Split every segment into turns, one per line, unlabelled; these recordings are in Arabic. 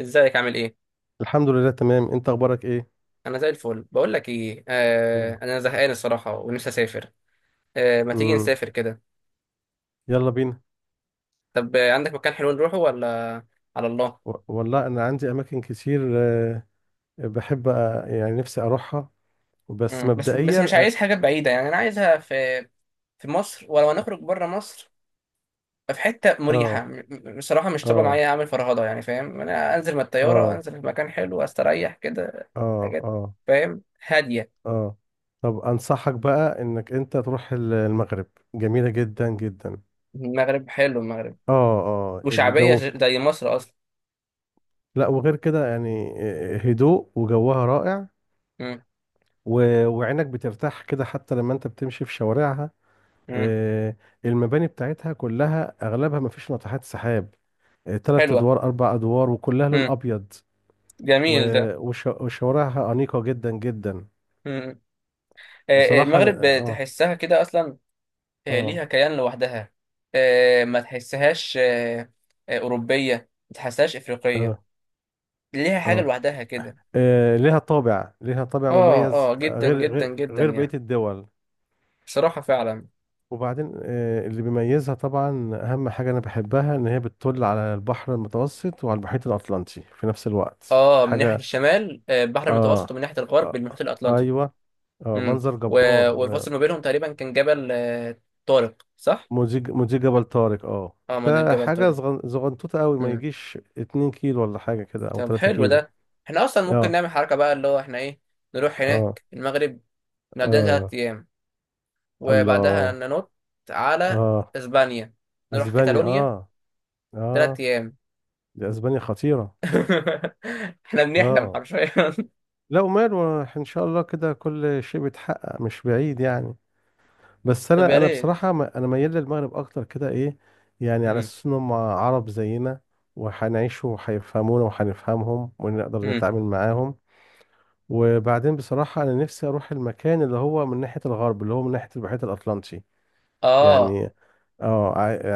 ازيك؟ عامل ايه؟
الحمد لله تمام. انت اخبارك ايه؟
انا زي الفل. بقول لك ايه،
نعم.
انا زهقان الصراحه ونفسي اسافر. ما تيجي
امم.
نسافر كده؟
يلا بينا.
طب، عندك مكان حلو نروحه ولا؟ على الله.
والله انا عندي اماكن كتير، بحب يعني نفسي اروحها. بس
مم. بس
مبدئيا
مش عايز حاجه بعيده يعني انا عايزها في مصر، ولو هنخرج بره مصر في حته مريحه،
اه.
بصراحه مش طالبه
اه.
معايا اعمل فرهضه يعني، فاهم؟ انا انزل من الطياره
اه.
انزل في مكان حلو استريح كده.
اه.
حاجات.
اه.
فاهم هاديه.
اه. طب انصحك بقى انك انت تروح المغرب. جميلة جدا جدا.
المغرب حلو المغرب،
اه. اه.
وشعبيه
الجو
زي مصر اصلا.
لا، وغير كده يعني، هدوء وجوها رائع.
مم.
وعينك بترتاح كده حتى لما انت بتمشي في شوارعها،
مم.
آه، المباني بتاعتها كلها اغلبها ما فيش ناطحات سحاب. تلات
حلوه.
ادوار 4 ادوار وكلها لون
مم.
ابيض.
جميل.
وشوارعها انيقه جدا جدا.
ده
بصراحه.
المغرب
اه.
تحسها كده اصلا.
اه.
ليها كيان لوحدها. ما تحسهاش اوروبيه، ما تحسهاش
اه.
افريقيه.
اه.
ليها حاجه
آه،
لوحدها كده.
ليها طابع
اه،
مميز،
اه، جدا
غير
جدا
غير
جدا
غير بقيه
يعني.
الدول.
بصراحه فعلا.
وبعدين، اللي بيميزها طبعا اهم حاجه انا بحبها ان هي بتطل على البحر المتوسط وعلى المحيط الاطلنطي في نفس الوقت.
اه، من ناحيه
حاجه.
الشمال البحر
اه.
المتوسط، ومن ناحيه الغرب
آه.
المحيط
آه،
الاطلنطي.
ايوه. اه،
امم.
منظر جبار.
والفاصل ما بينهم تقريبا كان جبل طارق، صح؟
موزيك موزيك جبل طارق. اه.
اه، ما ده
ده
جبل
حاجة
طارق.
زغنطوطة قوي ما
امم.
يجيش 2 كيلو ولا حاجة كده او
طب
تلاتة
حلو
كيلو
ده. احنا اصلا ممكن
اه.
نعمل حركه بقى، اللي هو احنا ايه، نروح
اه.
هناك المغرب، نقضينا ثلاث
اه.
ايام وبعدها
الله.
ننط على
اه.
اسبانيا، نروح
اسبانيا.
كاتالونيا
اه.
ثلاث
اه.
ايام
دي اسبانيا خطيرة.
احنا بنحلم
اه.
حرفيا.
لا وماله ان شاء الله كده كل شيء بيتحقق مش بعيد يعني. بس
طب
انا
يا
انا
ريت.
بصراحة، انا ميال للمغرب اكتر كده ايه. يعني على
مم.
اساس انهم عرب زينا. وهنعيش وهيفهمونا وهنفهمهم ونقدر
مم.
نتعامل معاهم. وبعدين بصراحة أنا نفسي أروح المكان اللي هو من ناحية الغرب، اللي هو من ناحية المحيط الأطلنطي.
اه.
يعني. اه.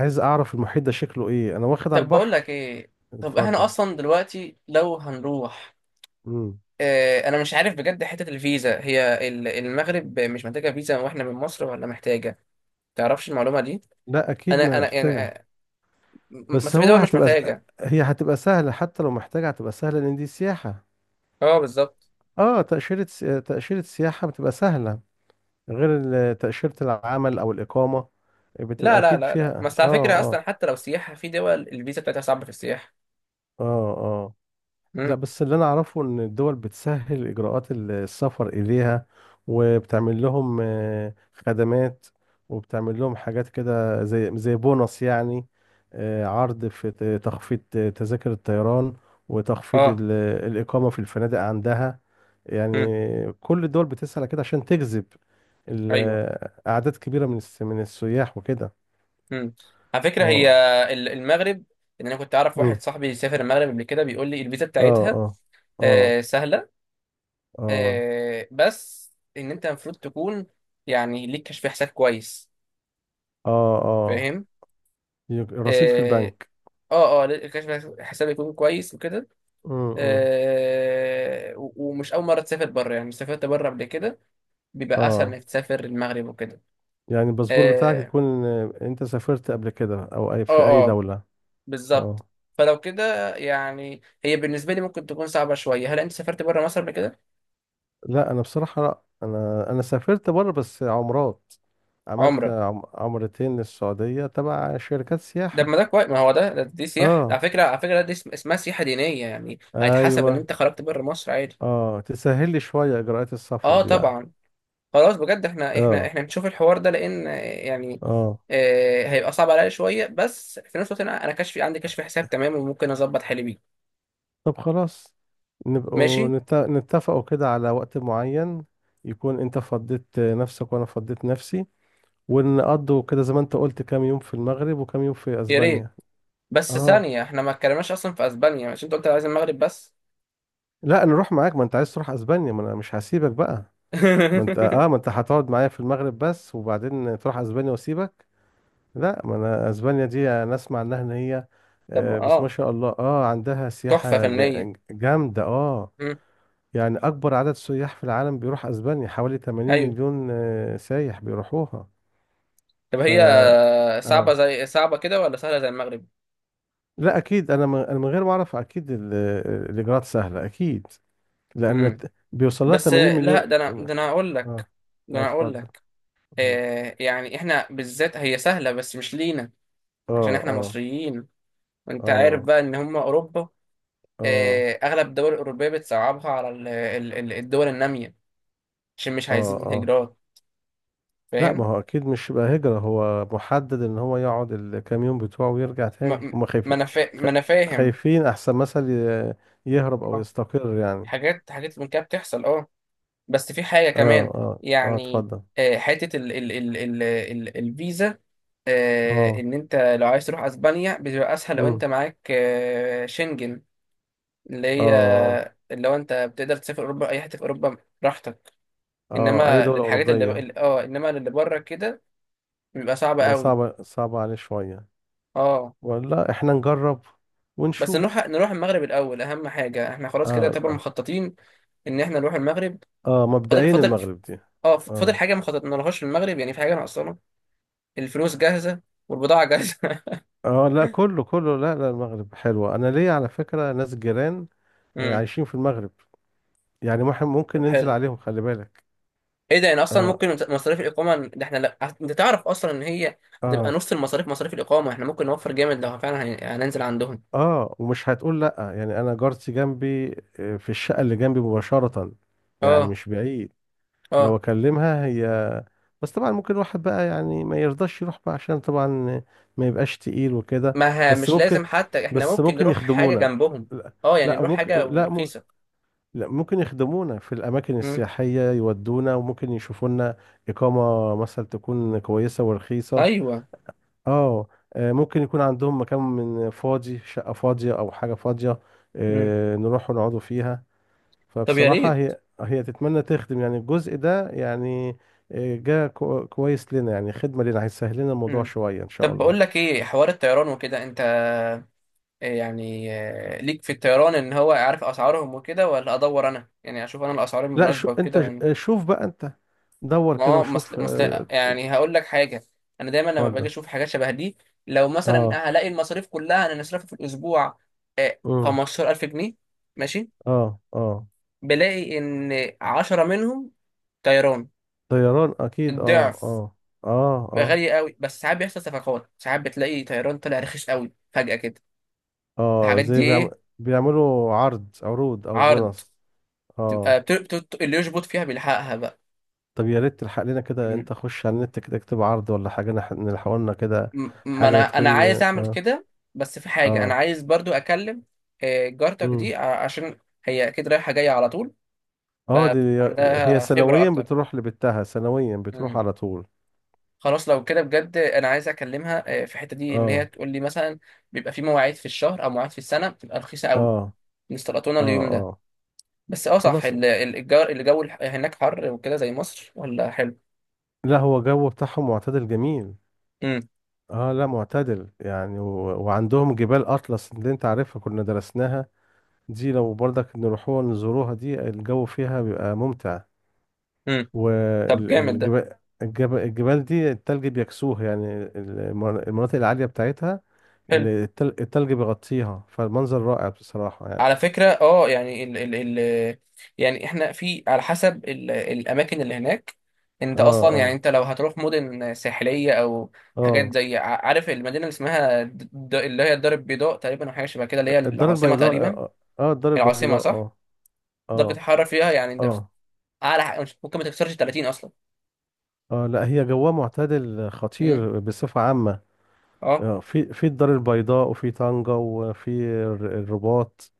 عايز أعرف المحيط ده شكله إيه، أنا واخد على
طب بقول لك
البحر.
ايه، طب احنا
اتفضل.
اصلا دلوقتي لو هنروح،
مم.
اه انا مش عارف بجد حتة الفيزا، هي المغرب مش محتاجة فيزا واحنا من مصر ولا محتاجة؟ تعرفش المعلومة دي؟
لا، أكيد
انا يعني،
محتاجة. بس
بس في
هو
دول مش
هتبقى
محتاجة.
هي هتبقى سهلة حتى لو محتاجة هتبقى سهلة لأن دي سياحة.
اه بالظبط.
اه. تأشيرة سياحة بتبقى سهلة. غير تأشيرة العمل أو الإقامة. بتبقى
لا لا
أكيد
لا لا،
فيها.
بس
اه.
على فكرة
اه.
اصلا حتى لو سياحة في دول الفيزا بتاعتها صعبة في السياحة.
اه. آه. لا،
مم.
بس اللي انا اعرفه ان الدول بتسهل اجراءات السفر اليها. وبتعمل لهم، خدمات. وبتعمل لهم حاجات كده زي بونص يعني. عرض في تخفيض تذاكر الطيران. وتخفيض
اه.
الإقامة في الفنادق عندها يعني.
مم.
كل الدول بتسعى كده عشان تجذب
ايوه.
ال- أعداد كبيرة من السياح وكده.
مم. على فكره هي
اه.
المغرب، ان انا كنت اعرف واحد
مم.
صاحبي سافر المغرب قبل كده بيقول لي الفيزا
اه.
بتاعتها
اه. اه.
آه سهله،
اه.
آه بس ان انت المفروض تكون يعني ليك كشف حساب كويس،
اه. اه.
فاهم؟
رصيد في
اه
البنك.
اه. ليك كشف حساب يكون كويس وكده.
امم.
ومش اول مره تسافر بره يعني، سافرت بره قبل كده، بيبقى اسهل
اه.
انك تسافر المغرب وكده.
يعني الباسبور بتاعك
اه
يكون، انت سافرت قبل كده او اي
اه.
في اي
آه.
دولة.
بالظبط.
اه.
فلو كده يعني هي بالنسبه لي ممكن تكون صعبه شويه. هل انت سافرت بره مصر قبل كده؟
لا انا بصراحة، لا انا سافرت بره بس عمرات. عملت
عمره؟
عمرتين للسعودية تبع شركات
ده ما
سياحة.
ده كويس، ما هو ده دي سياحه. على
اه.
فكره، دي اسمها سياحه دينيه، يعني هيتحسب ان
ايوه.
انت خرجت بره مصر عادي.
اه، تسهل لي شوية اجراءات السفر
اه
دي بقى.
طبعا. خلاص بجد، احنا احنا
اه.
احنا نشوف الحوار ده، لان يعني
اه.
آه هيبقى صعب عليا شويه، بس في نفس الوقت انا كشفي، عندي كشف حساب تمام وممكن اظبط حالي بيه.
طب خلاص. نبقوا
ماشي.
نتفقوا كده على وقت معين. يكون انت فضيت نفسك وانا فضيت نفسي. ونقضوا كده زي ما انت قلت كام يوم في المغرب وكام يوم في
يا ريت.
اسبانيا.
بس
اه.
ثانيه، احنا ما اتكلمناش اصلا في اسبانيا، عشان انت قلت عايز المغرب بس.
لا، نروح معاك ما انت عايز تروح اسبانيا، ما انا مش هسيبك بقى. ما انت اه ما انت هتقعد معايا في المغرب بس وبعدين تروح اسبانيا واسيبك. لا، ما انا اسبانيا دي انا اسمع انها ان هي،
طب
بس ما
اه،
شاء الله اه عندها
تحفة
سياحة
فنية.
جامدة. اه.
مم.
يعني اكبر عدد سياح في العالم بيروح اسبانيا حوالي 80
أيوه.
مليون، سايح بيروحوها.
طب
ف
هي صعبة،
اه.
زي صعبة كده ولا سهلة زي المغرب؟
لا اكيد انا من غير ما اعرف اكيد الاجراءات سهله اكيد. لان
مم.
بيوصل لها
بس
80 مليون.
لا، ده أنا ده
اه.
أنا هقول لك. ده
اه.
أنا هقول
اتفضل.
لك،
مم.
آه يعني إحنا بالذات هي سهلة بس مش لينا،
اه.
عشان إحنا
اه.
مصريين. وأنت عارف
اه.
بقى إن هم أوروبا،
اه.
آه أغلب الدول الأوروبية بتصعبها على الدول النامية، عشان مش
اه.
عايزين
اه.
الهجرات،
لا
فاهم؟
ما هو اكيد مش بقى هجره، هو محدد ان هو يقعد الكام يوم بتوعه ويرجع تاني.
ما
هما
ما
خايفين. خ-
ما أنا فاهم.
خايفين احسن مثل يهرب او
آه،
يستقر يعني.
حاجات حاجات من كده بتحصل أه. بس في حاجة
اه.
كمان
اه. اه.
يعني،
اتفضل.
حتة ال ال ال ال ال الفيزا،
اه.
ان انت لو عايز تروح اسبانيا بتبقى اسهل لو
امم.
انت معاك شنجن، اللي هي،
اه.
اللي هو انت بتقدر تسافر اوروبا اي حته في اوروبا براحتك.
اه، اي
انما
دوله
للحاجات
اوروبيه.
اه، انما اللي بره كده بيبقى صعب
يبقى
قوي.
صعبه عليه شويه.
اه.
ولا احنا نجرب
بس نروح،
ونشوف.
المغرب الاول، اهم حاجه احنا خلاص كده
اه.
طبعا
اه،
مخططين ان احنا نروح المغرب. فاضل
مبدئيا
فاضل
المغرب دي.
اه فاضل
اه.
حاجه ما خططنالهاش في المغرب يعني، في حاجه ناقصانا؟ الفلوس جاهزه، والبضاعه جاهزه.
اه. لا، كله كله، لا لا، المغرب حلوة، انا ليا على فكرة ناس جيران.
امم.
عايشين في المغرب. يعني ممكن
طب
ننزل
حلو.
عليهم. خلي بالك.
ايه ده؟ يعني اصلا
اه.
ممكن مصاريف الاقامه ده احنا، لا انت تعرف اصلا ان هي هتبقى
اه.
نص المصاريف، مصاريف الاقامه احنا ممكن نوفر جامد لو فعلا هننزل عندهم.
اه. ومش هتقول لا يعني انا جارتي جنبي. في الشقة اللي جنبي مباشرة. يعني
اه
مش بعيد. لو
اه.
اكلمها هي. بس طبعا ممكن واحد بقى يعني ما يرضاش يروح بقى عشان طبعا. ما يبقاش تقيل وكده.
ما ها،
بس
مش
ممكن
لازم حتى، احنا
بس
ممكن
ممكن
نروح حاجه
يخدمونا.
جنبهم.
لا.
اه يعني
لا
نروح حاجه
ممكن. لا،
رخيصه.
لا ممكن يخدمونا في الأماكن
امم.
السياحية، يودونا وممكن يشوفوا لنا. إقامة مثلا تكون كويسة ورخيصة.
ايوه.
اه. ممكن يكون عندهم مكان من فاضي، شقة فاضية أو حاجة فاضية.
امم.
نروح ونقعدوا فيها.
طب يا
فبصراحة
ريت.
هي تتمنى تخدم يعني الجزء ده يعني. جا كويس لنا، يعني خدمة لنا هيسهل لنا الموضوع
امم.
شوية إن شاء
طب
الله.
بقول لك ايه، حوار الطيران وكده انت، يعني ليك في الطيران، ان هو عارف اسعارهم وكده، ولا ادور انا يعني، اشوف انا الاسعار
لا، شو
المناسبه
أنت
وكده؟
ش- آه، شوف بقى أنت. دور
ما
كده
هو
وشوف
مثل يعني، هقول لك حاجه، انا دايما لما باجي
اتفضل.
اشوف حاجات شبه دي، لو
اه.
مثلا هلاقي المصاريف كلها انا نصرفها في الاسبوع
امم.
15,000 جنيه، ماشي.
اه. اه،
بلاقي ان 10 منهم طيران،
طيران اكيد. اه.
الضعف،
اه. اه. اه.
غالي قوي. بس ساعات بيحصل صفقات، ساعات بتلاقي طيران طلع رخيص قوي فجأة كده.
اه.
الحاجات دي
زي
ايه،
بيعملوا عرض، عروض او
عرض،
بونص. اه.
تبقى اللي يشبط فيها بيلحقها
طب يا ريت تلحق لنا كده،
بقى.
انت خش على النت كده اكتب عرض ولا حاجه نلحق لنا كده.
ما
حاجه
انا
تكون.
عايز اعمل
اه.
كده. بس في حاجه انا
اه.
عايز برضو اكلم جارتك دي،
امم.
عشان هي اكيد رايحه جايه على طول
اه. دي. هي
فعندها خبره
سنويا
اكتر.
بتروح لبتها، سنويا بتروح
مم.
على طول.
خلاص لو كده بجد انا عايز اكلمها في الحته دي، ان هي
اه.
تقول لي مثلا بيبقى في مواعيد في الشهر او مواعيد في السنه بتبقى رخيصه قوي،
اه.
نستلطونا
اه.
اليوم ده.
اه.
بس اه، صح،
خلاص.
الجار، الجو هناك حر وكده زي مصر ولا حلو؟
لا هو جو بتاعهم معتدل جميل.
امم.
اه. لا معتدل يعني. وعندهم جبال اطلس اللي انت عارفها كنا درسناها. دي لو برضك نروحوها نزوروها، دي الجو فيها بيبقى ممتع.
امم. طب جامد ده،
والجبال. الجبال دي التلج بيكسوه يعني المناطق العالية بتاعتها.
حلو.
التلج بيغطيها فالمنظر رائع بصراحة يعني.
على فكرة اه يعني، ال ال ال يعني احنا في على حسب الأماكن اللي هناك، انت
اه.
أصلا يعني،
اه.
انت لو هتروح مدن ساحلية أو حاجات
اه.
زي، عارف المدينة اللي اسمها اللي هي الدار البيضاء تقريبا، أو حاجة شبه كده اللي هي
الدار
العاصمة
البيضاء.
تقريبا.
اه. الدار
العاصمة
البيضاء.
صح؟
اه.
ده
اه.
بتتحرك فيها يعني، ده
اه.
أعلى ممكن ما تكسرش 30 أصلا.
اه. لا هي جوها معتدل
امم.
خطير بصفة عامة.
اه.
في الدار البيضاء وفي طنجة وفي الرباط.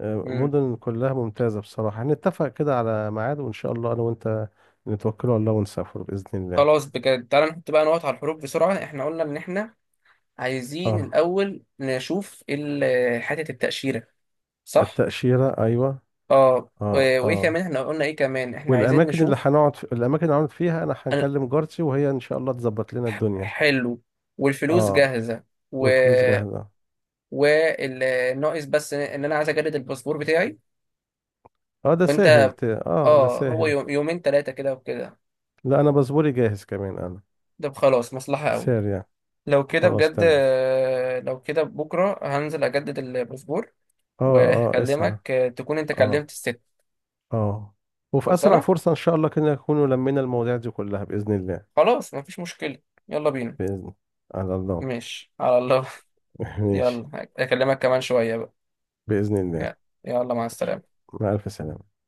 امم.
مدن كلها ممتازة بصراحة. هنتفق كده على ميعاد وإن شاء الله أنا وأنت نتوكل على الله ونسافر بإذن الله.
خلاص بجد، تعالى نحط بقى نقط على الحروف بسرعة. احنا قلنا إن احنا عايزين
اه.
الأول نشوف حتة التأشيرة، صح؟
التأشيرة أيوة.
اه،
اه.
وايه
اه.
كمان؟ احنا قلنا ايه كمان احنا عايزين
والأماكن اللي
نشوف؟
هنقعد في... الأماكن اللي هنقعد فيها أنا
أنا-
هنكلم جارتي وهي إن شاء الله تظبط لنا الدنيا.
حلو. والفلوس
اه.
جاهزة. و،
والفلوس جاهزة.
والناقص بس ان انا عايز اجدد الباسبور بتاعي،
اه ده
وانت،
سهل ت... اه ده
اه هو
سهل
يومين 3 كده وكده.
لا، أنا باسبوري جاهز كمان أنا.
ده خلاص مصلحة قوي.
سارية.
لو كده
خلاص
بجد
تمام.
لو كده بكرة هنزل اجدد الباسبور،
اه. اه. اسعى.
وهكلمك تكون انت
اه.
كلمت الست.
اه. وفي أسرع
خلصانة.
فرصة إن شاء الله كده نكون لمينا المواضيع دي كلها بإذن الله.
خلاص مفيش مشكلة. يلا بينا.
بإذن. على الله.
ماشي على الله.
ماشي.
يلا، هكلمك كمان شوية بقى.
بإذن الله.
يلا. يلا، مع السلامة.
مع ألف سلامة.